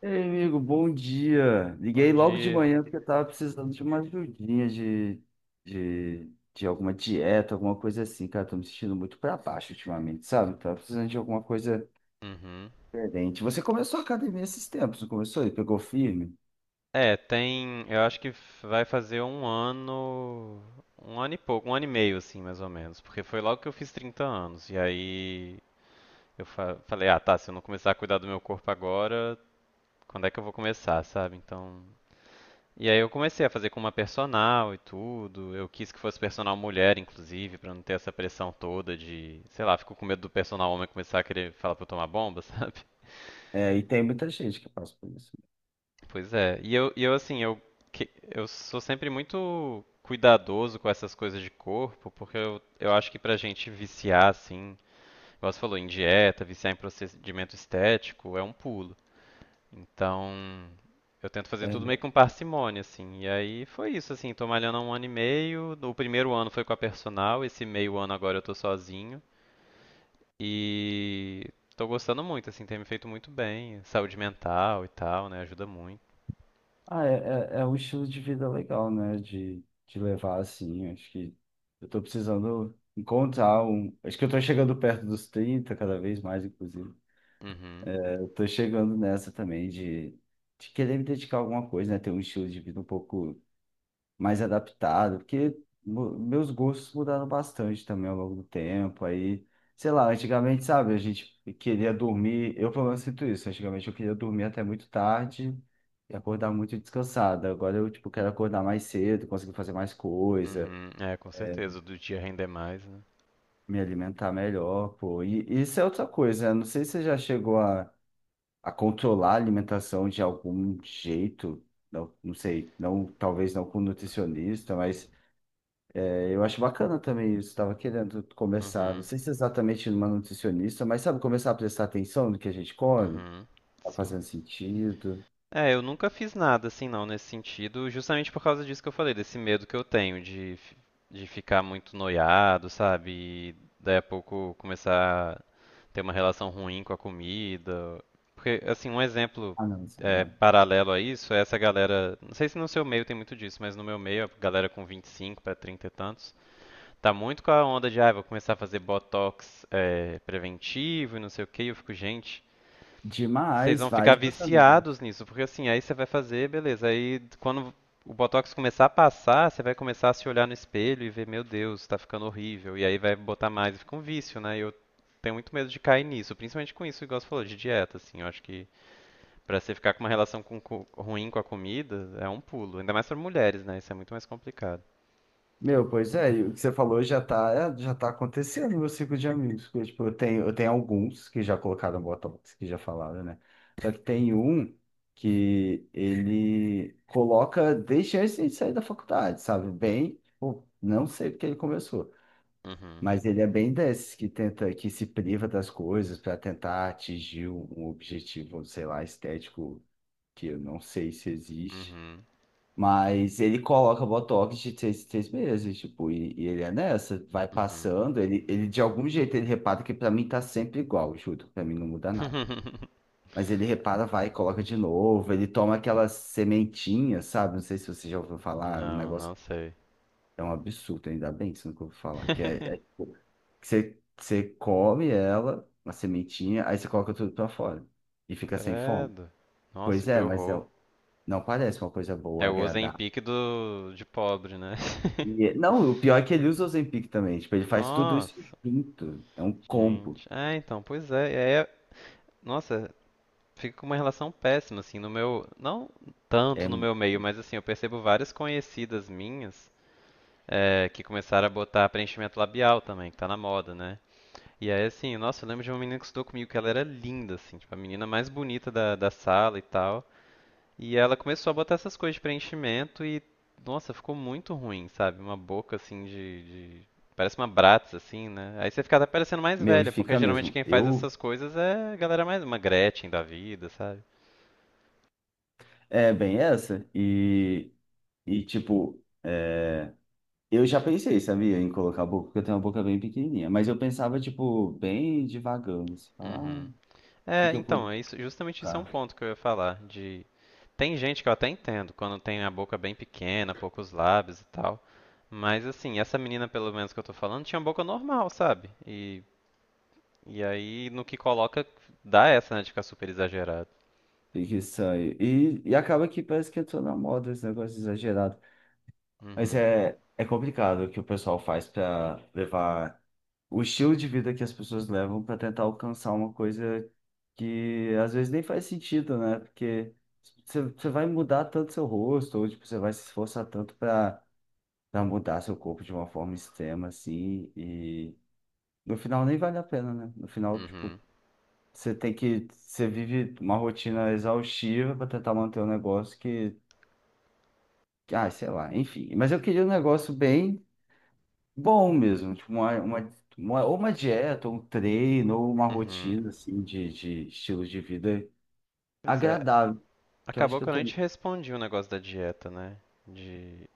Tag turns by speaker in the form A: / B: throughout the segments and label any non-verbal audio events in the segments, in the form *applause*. A: Ei, amigo, bom dia.
B: Bom
A: Liguei logo de
B: dia.
A: manhã porque eu tava precisando de uma ajudinha de alguma dieta, alguma coisa assim, cara. Tô me sentindo muito pra baixo ultimamente, sabe? Tava precisando de alguma coisa
B: Uhum.
A: diferente. Você começou a academia esses tempos, não começou? E pegou firme?
B: É, tem. Eu acho que vai fazer um ano. Um ano e pouco, um ano e meio, assim, mais ou menos. Porque foi logo que eu fiz 30 anos. E aí eu falei, ah, tá, se eu não começar a cuidar do meu corpo agora, quando é que eu vou começar, sabe? Então. E aí eu comecei a fazer com uma personal e tudo. Eu quis que fosse personal mulher, inclusive, pra não ter essa pressão toda de, sei lá, fico com medo do personal homem começar a querer falar pra eu tomar bomba, *laughs* sabe?
A: É, e tem muita gente que passa por isso.
B: Pois é. E eu assim, eu sou sempre muito cuidadoso com essas coisas de corpo, porque eu acho que pra gente viciar, assim, igual você falou, em dieta, viciar em procedimento estético, é um pulo. Então, eu tento fazer tudo meio
A: É.
B: com parcimônia, assim. E aí foi isso, assim, tô malhando há um ano e meio. O primeiro ano foi com a personal, esse meio ano agora eu tô sozinho. E tô gostando muito, assim, tem me feito muito bem. Saúde mental e tal, né? Ajuda muito.
A: Ah, é, é, é um estilo de vida legal, né? De levar assim. Acho que eu tô precisando encontrar um. Acho que eu tô chegando perto dos 30 cada vez mais, inclusive.
B: Uhum.
A: Eu tô chegando nessa também de querer me dedicar a alguma coisa, né? Ter um estilo de vida um pouco mais adaptado, porque meus gostos mudaram bastante também ao longo do tempo. Aí, sei lá, antigamente, sabe, a gente queria dormir, eu pelo menos sinto isso. Antigamente eu queria dormir até muito tarde e acordar muito descansado. Agora eu, tipo, quero acordar mais cedo, conseguir fazer mais coisa,
B: Uhum, é, com certeza, do dia render mais, né?
A: me alimentar melhor, pô. E isso é outra coisa, né? Não sei se você já chegou a controlar a alimentação de algum jeito, não, não sei, não, talvez não com nutricionista, mas é, eu acho bacana também isso. Estava querendo começar, não
B: Uhum,
A: sei se é exatamente numa nutricionista, mas sabe, começar a prestar atenção no que a gente come,
B: uhum,
A: tá
B: sim.
A: fazendo sentido.
B: É, eu nunca fiz nada assim não nesse sentido, justamente por causa disso que eu falei, desse medo que eu tenho de ficar muito noiado, sabe? E daí a pouco começar a ter uma relação ruim com a comida. Porque, assim, um exemplo
A: Ah, não,
B: é, paralelo a isso é essa galera. Não sei se no seu meio tem muito disso, mas no meu meio, a galera com 25 para 30 e tantos. Tá muito com a onda de, ah, vou começar a fazer botox é, preventivo e não sei o que eu fico, gente, vocês
A: demais,
B: vão ficar
A: vários meus amigos.
B: viciados nisso, porque assim, aí você vai fazer, beleza. Aí quando o botox começar a passar, você vai começar a se olhar no espelho e ver, meu Deus, tá ficando horrível. E aí vai botar mais e fica um vício, né? E eu tenho muito medo de cair nisso, principalmente com isso, igual você falou, de dieta, assim. Eu acho que pra você ficar com uma relação ruim com a comida, é um pulo. Ainda mais pra mulheres, né? Isso é muito mais complicado.
A: Meu, pois é, e o que você falou já tá acontecendo no meu ciclo de amigos. Porque, tipo, eu tenho alguns que já colocaram Botox, que já falaram, né? Só que tem um que ele coloca desde antes de sair da faculdade, sabe? Bem, tipo, não sei porque ele começou,
B: Uhum,
A: mas ele é bem desses que tenta, que se priva das coisas para tentar atingir um objetivo, sei lá, estético, que eu não sei se existe.
B: uhum,
A: Mas ele coloca Botox de seis três meses, tipo, e ele é nessa, vai
B: uhum.
A: passando, ele de algum jeito ele repara que pra mim tá sempre igual, juro, pra mim não muda nada.
B: *laughs*
A: Mas ele repara, vai, e coloca de novo, ele toma aquela sementinha, sabe? Não sei se você já ouviu falar, é um
B: Não,
A: negócio
B: não sei.
A: é um absurdo, ainda bem que você nunca ouviu falar, que é, é
B: *laughs*
A: tipo, que você come ela, uma sementinha, aí você coloca tudo pra fora e fica sem fome.
B: Credo. Nossa,
A: Pois
B: que
A: é, mas
B: horror.
A: não, não parece uma coisa
B: É
A: boa,
B: o
A: agradável.
B: Ozempic do de pobre, né?
A: E,
B: *laughs*
A: não, o pior é que ele usa o Ozempic também. Tipo, ele faz tudo isso
B: Nossa,
A: junto. É um combo.
B: gente. É, então, pois é. Nossa, fica com uma relação péssima, assim, no meu. Não
A: É,
B: tanto no meu meio, mas assim, eu percebo várias conhecidas minhas que começaram a botar preenchimento labial também, que tá na moda, né? E aí, assim, nossa, eu lembro de uma menina que estudou comigo, que ela era linda, assim, tipo, a menina mais bonita da sala e tal. E ela começou a botar essas coisas de preenchimento e, nossa, ficou muito ruim, sabe? Uma boca assim de- Parece uma Bratz, assim, né? Aí você fica até parecendo mais
A: meu, e
B: velha, porque
A: fica
B: geralmente
A: mesmo.
B: quem faz
A: Eu,
B: essas coisas é a galera mais. Uma Gretchen da vida, sabe?
A: é bem essa. E tipo, é, eu já pensei, sabia, em colocar a boca, porque eu tenho uma boca bem pequenininha. Mas eu pensava, tipo, bem devagando. Assim, falar, ah,
B: Uhum.
A: o que
B: É,
A: que eu
B: então,
A: poderia
B: é isso, justamente isso é um
A: colocar?
B: ponto que eu ia falar, de tem gente que eu até entendo quando tem a boca bem pequena, poucos lábios e tal, mas assim, essa menina pelo menos que eu tô falando tinha boca normal, sabe? E aí, no que coloca, dá essa, né, de ficar super exagerado.
A: Tem que sair. E acaba que parece que entrou na moda esse negócio exagerado. Mas
B: Uhum,
A: é, é complicado o que o pessoal faz para levar o estilo de vida que as pessoas levam para tentar alcançar uma coisa que às vezes nem faz sentido, né? Porque você vai mudar tanto seu rosto, ou tipo, você vai se esforçar tanto para mudar seu corpo de uma forma extrema, assim, e no final nem vale a pena, né? No final, tipo,
B: uhum,
A: você tem que, você vive uma rotina exaustiva para tentar manter um negócio que, ah, sei lá, enfim. Mas eu queria um negócio bem bom mesmo, tipo uma ou uma dieta, ou um treino, ou uma
B: uhum.
A: rotina assim de estilo de vida
B: Pois é,
A: agradável, que eu acho
B: acabou
A: que
B: que
A: eu
B: eu nem
A: tô.
B: te respondi o negócio da dieta, né? De,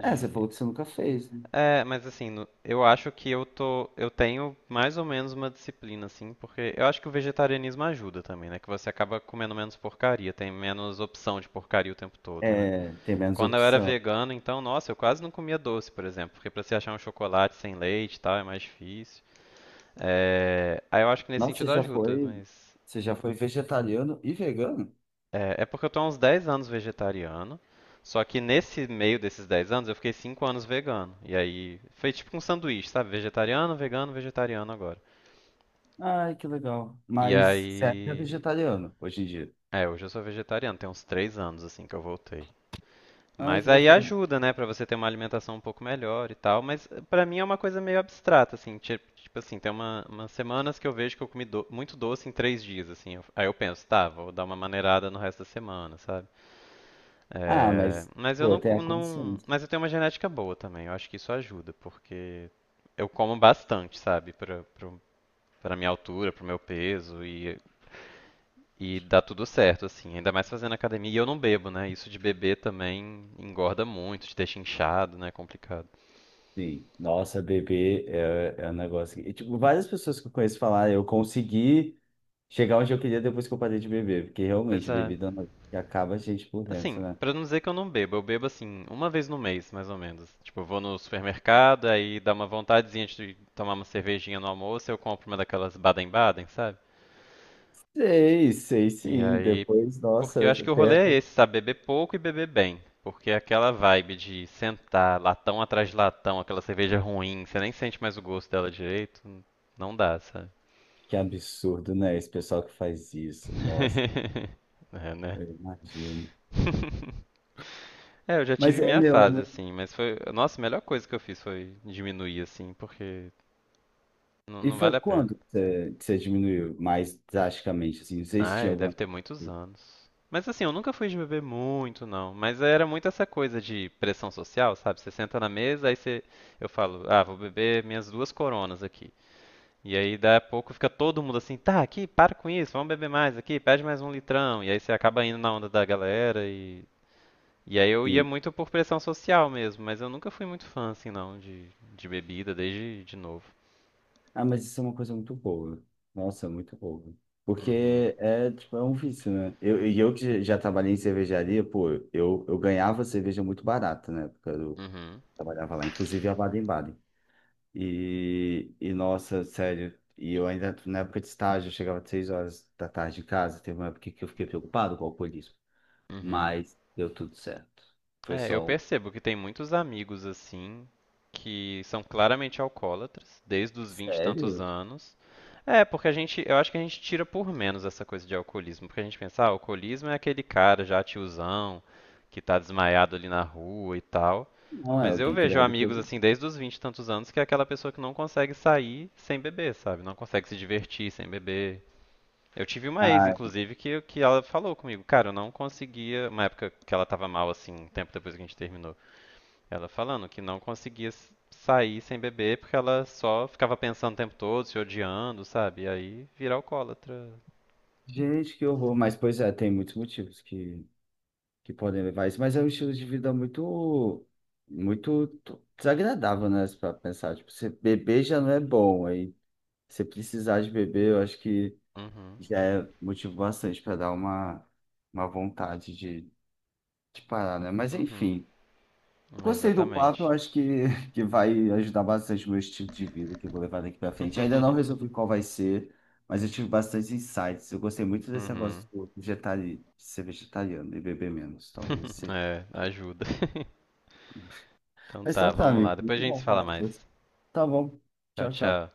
A: É, você falou que você nunca fez, né?
B: É, mas assim, eu acho que eu tenho mais ou menos uma disciplina, assim, porque eu acho que o vegetarianismo ajuda também, né? Que você acaba comendo menos porcaria, tem menos opção de porcaria o tempo todo, né?
A: É, tem menos
B: Quando eu era
A: opção.
B: vegano, então, nossa, eu quase não comia doce, por exemplo, porque pra você achar um chocolate sem leite e tal, é mais difícil. É, aí eu acho que nesse
A: Nossa,
B: sentido ajuda, mas.
A: você já foi vegetariano e vegano?
B: É porque eu tô há uns 10 anos vegetariano. Só que nesse meio desses 10 anos eu fiquei 5 anos vegano. E aí. Foi tipo um sanduíche, sabe? Vegetariano, vegano, vegetariano agora.
A: Ai, que legal.
B: E
A: Mas você é
B: aí.
A: vegetariano hoje em dia.
B: É, hoje eu sou vegetariano, tem uns 3 anos assim que eu voltei.
A: Ai,
B: Mas
A: que
B: aí
A: bacana.
B: ajuda, né, pra você ter uma alimentação um pouco melhor e tal, mas pra mim é uma coisa meio abstrata, assim, tipo, assim, tem umas semanas que eu vejo que eu comi muito doce em 3 dias, assim, aí eu penso, tá, vou dar uma maneirada no resto da semana, sabe?
A: Ah,
B: Eh,
A: mas,
B: mas eu
A: pô,
B: não,
A: tem
B: co-
A: a
B: não,
A: consciência.
B: mas eu tenho uma genética boa também, eu acho que isso ajuda, porque eu como bastante, sabe, pra minha altura, pro meu peso, e dá tudo certo, assim, ainda mais fazendo academia. E eu não bebo, né? Isso de beber também engorda muito, te deixa inchado, né? É complicado.
A: Sim. Nossa, bebê é, é um negócio que… E, tipo, várias pessoas que eu conheço falar, eu consegui chegar onde eu queria depois que eu parei de beber, porque
B: Mas
A: realmente
B: é.
A: bebida é um negócio que acaba a gente por dentro,
B: Assim,
A: né?
B: pra não dizer que eu não bebo, eu bebo assim, uma vez no mês, mais ou menos. Tipo, eu vou no supermercado, aí dá uma vontadezinha de tomar uma cervejinha no almoço, eu compro uma daquelas Baden-Baden, sabe?
A: Sei, sei
B: E
A: sim.
B: aí.
A: Depois,
B: Porque eu
A: nossa,
B: acho que o
A: até,
B: rolê é
A: até-
B: esse, sabe? Beber pouco e beber bem. Porque é aquela vibe de sentar latão atrás de latão, aquela cerveja ruim, você nem sente mais o gosto dela direito, não dá, sabe?
A: que absurdo, né? Esse pessoal que faz isso, nossa,
B: *laughs* É, né?
A: eu imagino.
B: *laughs* É, eu já
A: Mas
B: tive
A: é,
B: minha
A: meu, é
B: fase,
A: muito…
B: assim, mas foi. Nossa, a melhor coisa que eu fiz foi diminuir, assim, porque não,
A: E
B: não
A: foi
B: vale a pena.
A: quando que você diminuiu mais drasticamente, assim? Não sei se tinha
B: Ai, deve
A: alguma…
B: ter muitos anos. Mas assim, eu nunca fui de beber muito, não. Mas era muito essa coisa de pressão social, sabe? Você senta na mesa, aí você. Eu falo, ah, vou beber minhas duas coronas aqui. E aí, daí a pouco, fica todo mundo assim, tá, aqui, para com isso, vamos beber mais aqui, pede mais um litrão. E aí você acaba indo na onda da galera e E aí eu ia
A: Sim.
B: muito por pressão social mesmo, mas eu nunca fui muito fã, assim, não, de, bebida, desde de novo.
A: Ah, mas isso é uma coisa muito boa. Nossa, muito boa.
B: Uhum,
A: Porque é, tipo, é um vício, né? Eu, e eu que já trabalhei em cervejaria, pô, eu ganhava cerveja muito barata, né? Porque eu
B: uhum,
A: trabalhava lá, inclusive a Baden-Baden. E, nossa, sério, e eu ainda, na época de estágio, eu chegava às 6 horas da tarde em casa. Teve uma época que eu fiquei preocupado com o alcoolismo,
B: uhum.
A: mas deu tudo certo. Foi
B: É, eu
A: só um…
B: percebo que tem muitos amigos, assim, que são claramente alcoólatras, desde os 20 e tantos
A: Sério?
B: anos. É, porque a gente, eu acho que a gente tira por menos essa coisa de alcoolismo, porque a gente pensa, ah, alcoolismo é aquele cara já tiozão, que tá desmaiado ali na rua e tal.
A: Não é
B: Mas eu
A: alguém que
B: vejo
A: bebe
B: amigos
A: todo.
B: assim desde os 20 e tantos anos que é aquela pessoa que não consegue sair sem beber, sabe? Não consegue se divertir sem beber. Eu tive uma ex,
A: Ah,
B: inclusive, que ela falou comigo, cara, eu não conseguia, uma época que ela tava mal assim, um tempo depois que a gente terminou, ela falando que não conseguia sair sem beber porque ela só ficava pensando o tempo todo, se odiando, sabe? E aí vira alcoólatra.
A: gente, que horror. Mas, pois é, tem muitos motivos que podem levar a isso, mas é um estilo de vida muito, muito desagradável, né? Para pensar, tipo, você beber já não é bom, aí você precisar de beber, eu acho que
B: Uhum,
A: já é motivo bastante para dar uma vontade de parar, né? Mas
B: uhum,
A: enfim, eu
B: é,
A: gostei do papo, eu
B: exatamente.
A: acho que, *laughs* que vai ajudar bastante o meu estilo de vida que eu vou levar daqui para frente. Ainda não
B: *laughs*
A: resolvi qual vai ser. Mas eu tive bastante insights. Eu gostei muito desse
B: Uhum.
A: negócio do de ser vegetariano e beber menos. Talvez
B: *laughs*
A: seja.
B: É, ajuda. *laughs* Então
A: Mas
B: tá,
A: então tá,
B: vamos lá.
A: amigo.
B: Depois
A: Muito
B: a gente se
A: bom
B: fala
A: falar com
B: mais.
A: você. Tá bom.
B: Tchau,
A: Tchau, tchau.
B: tchau.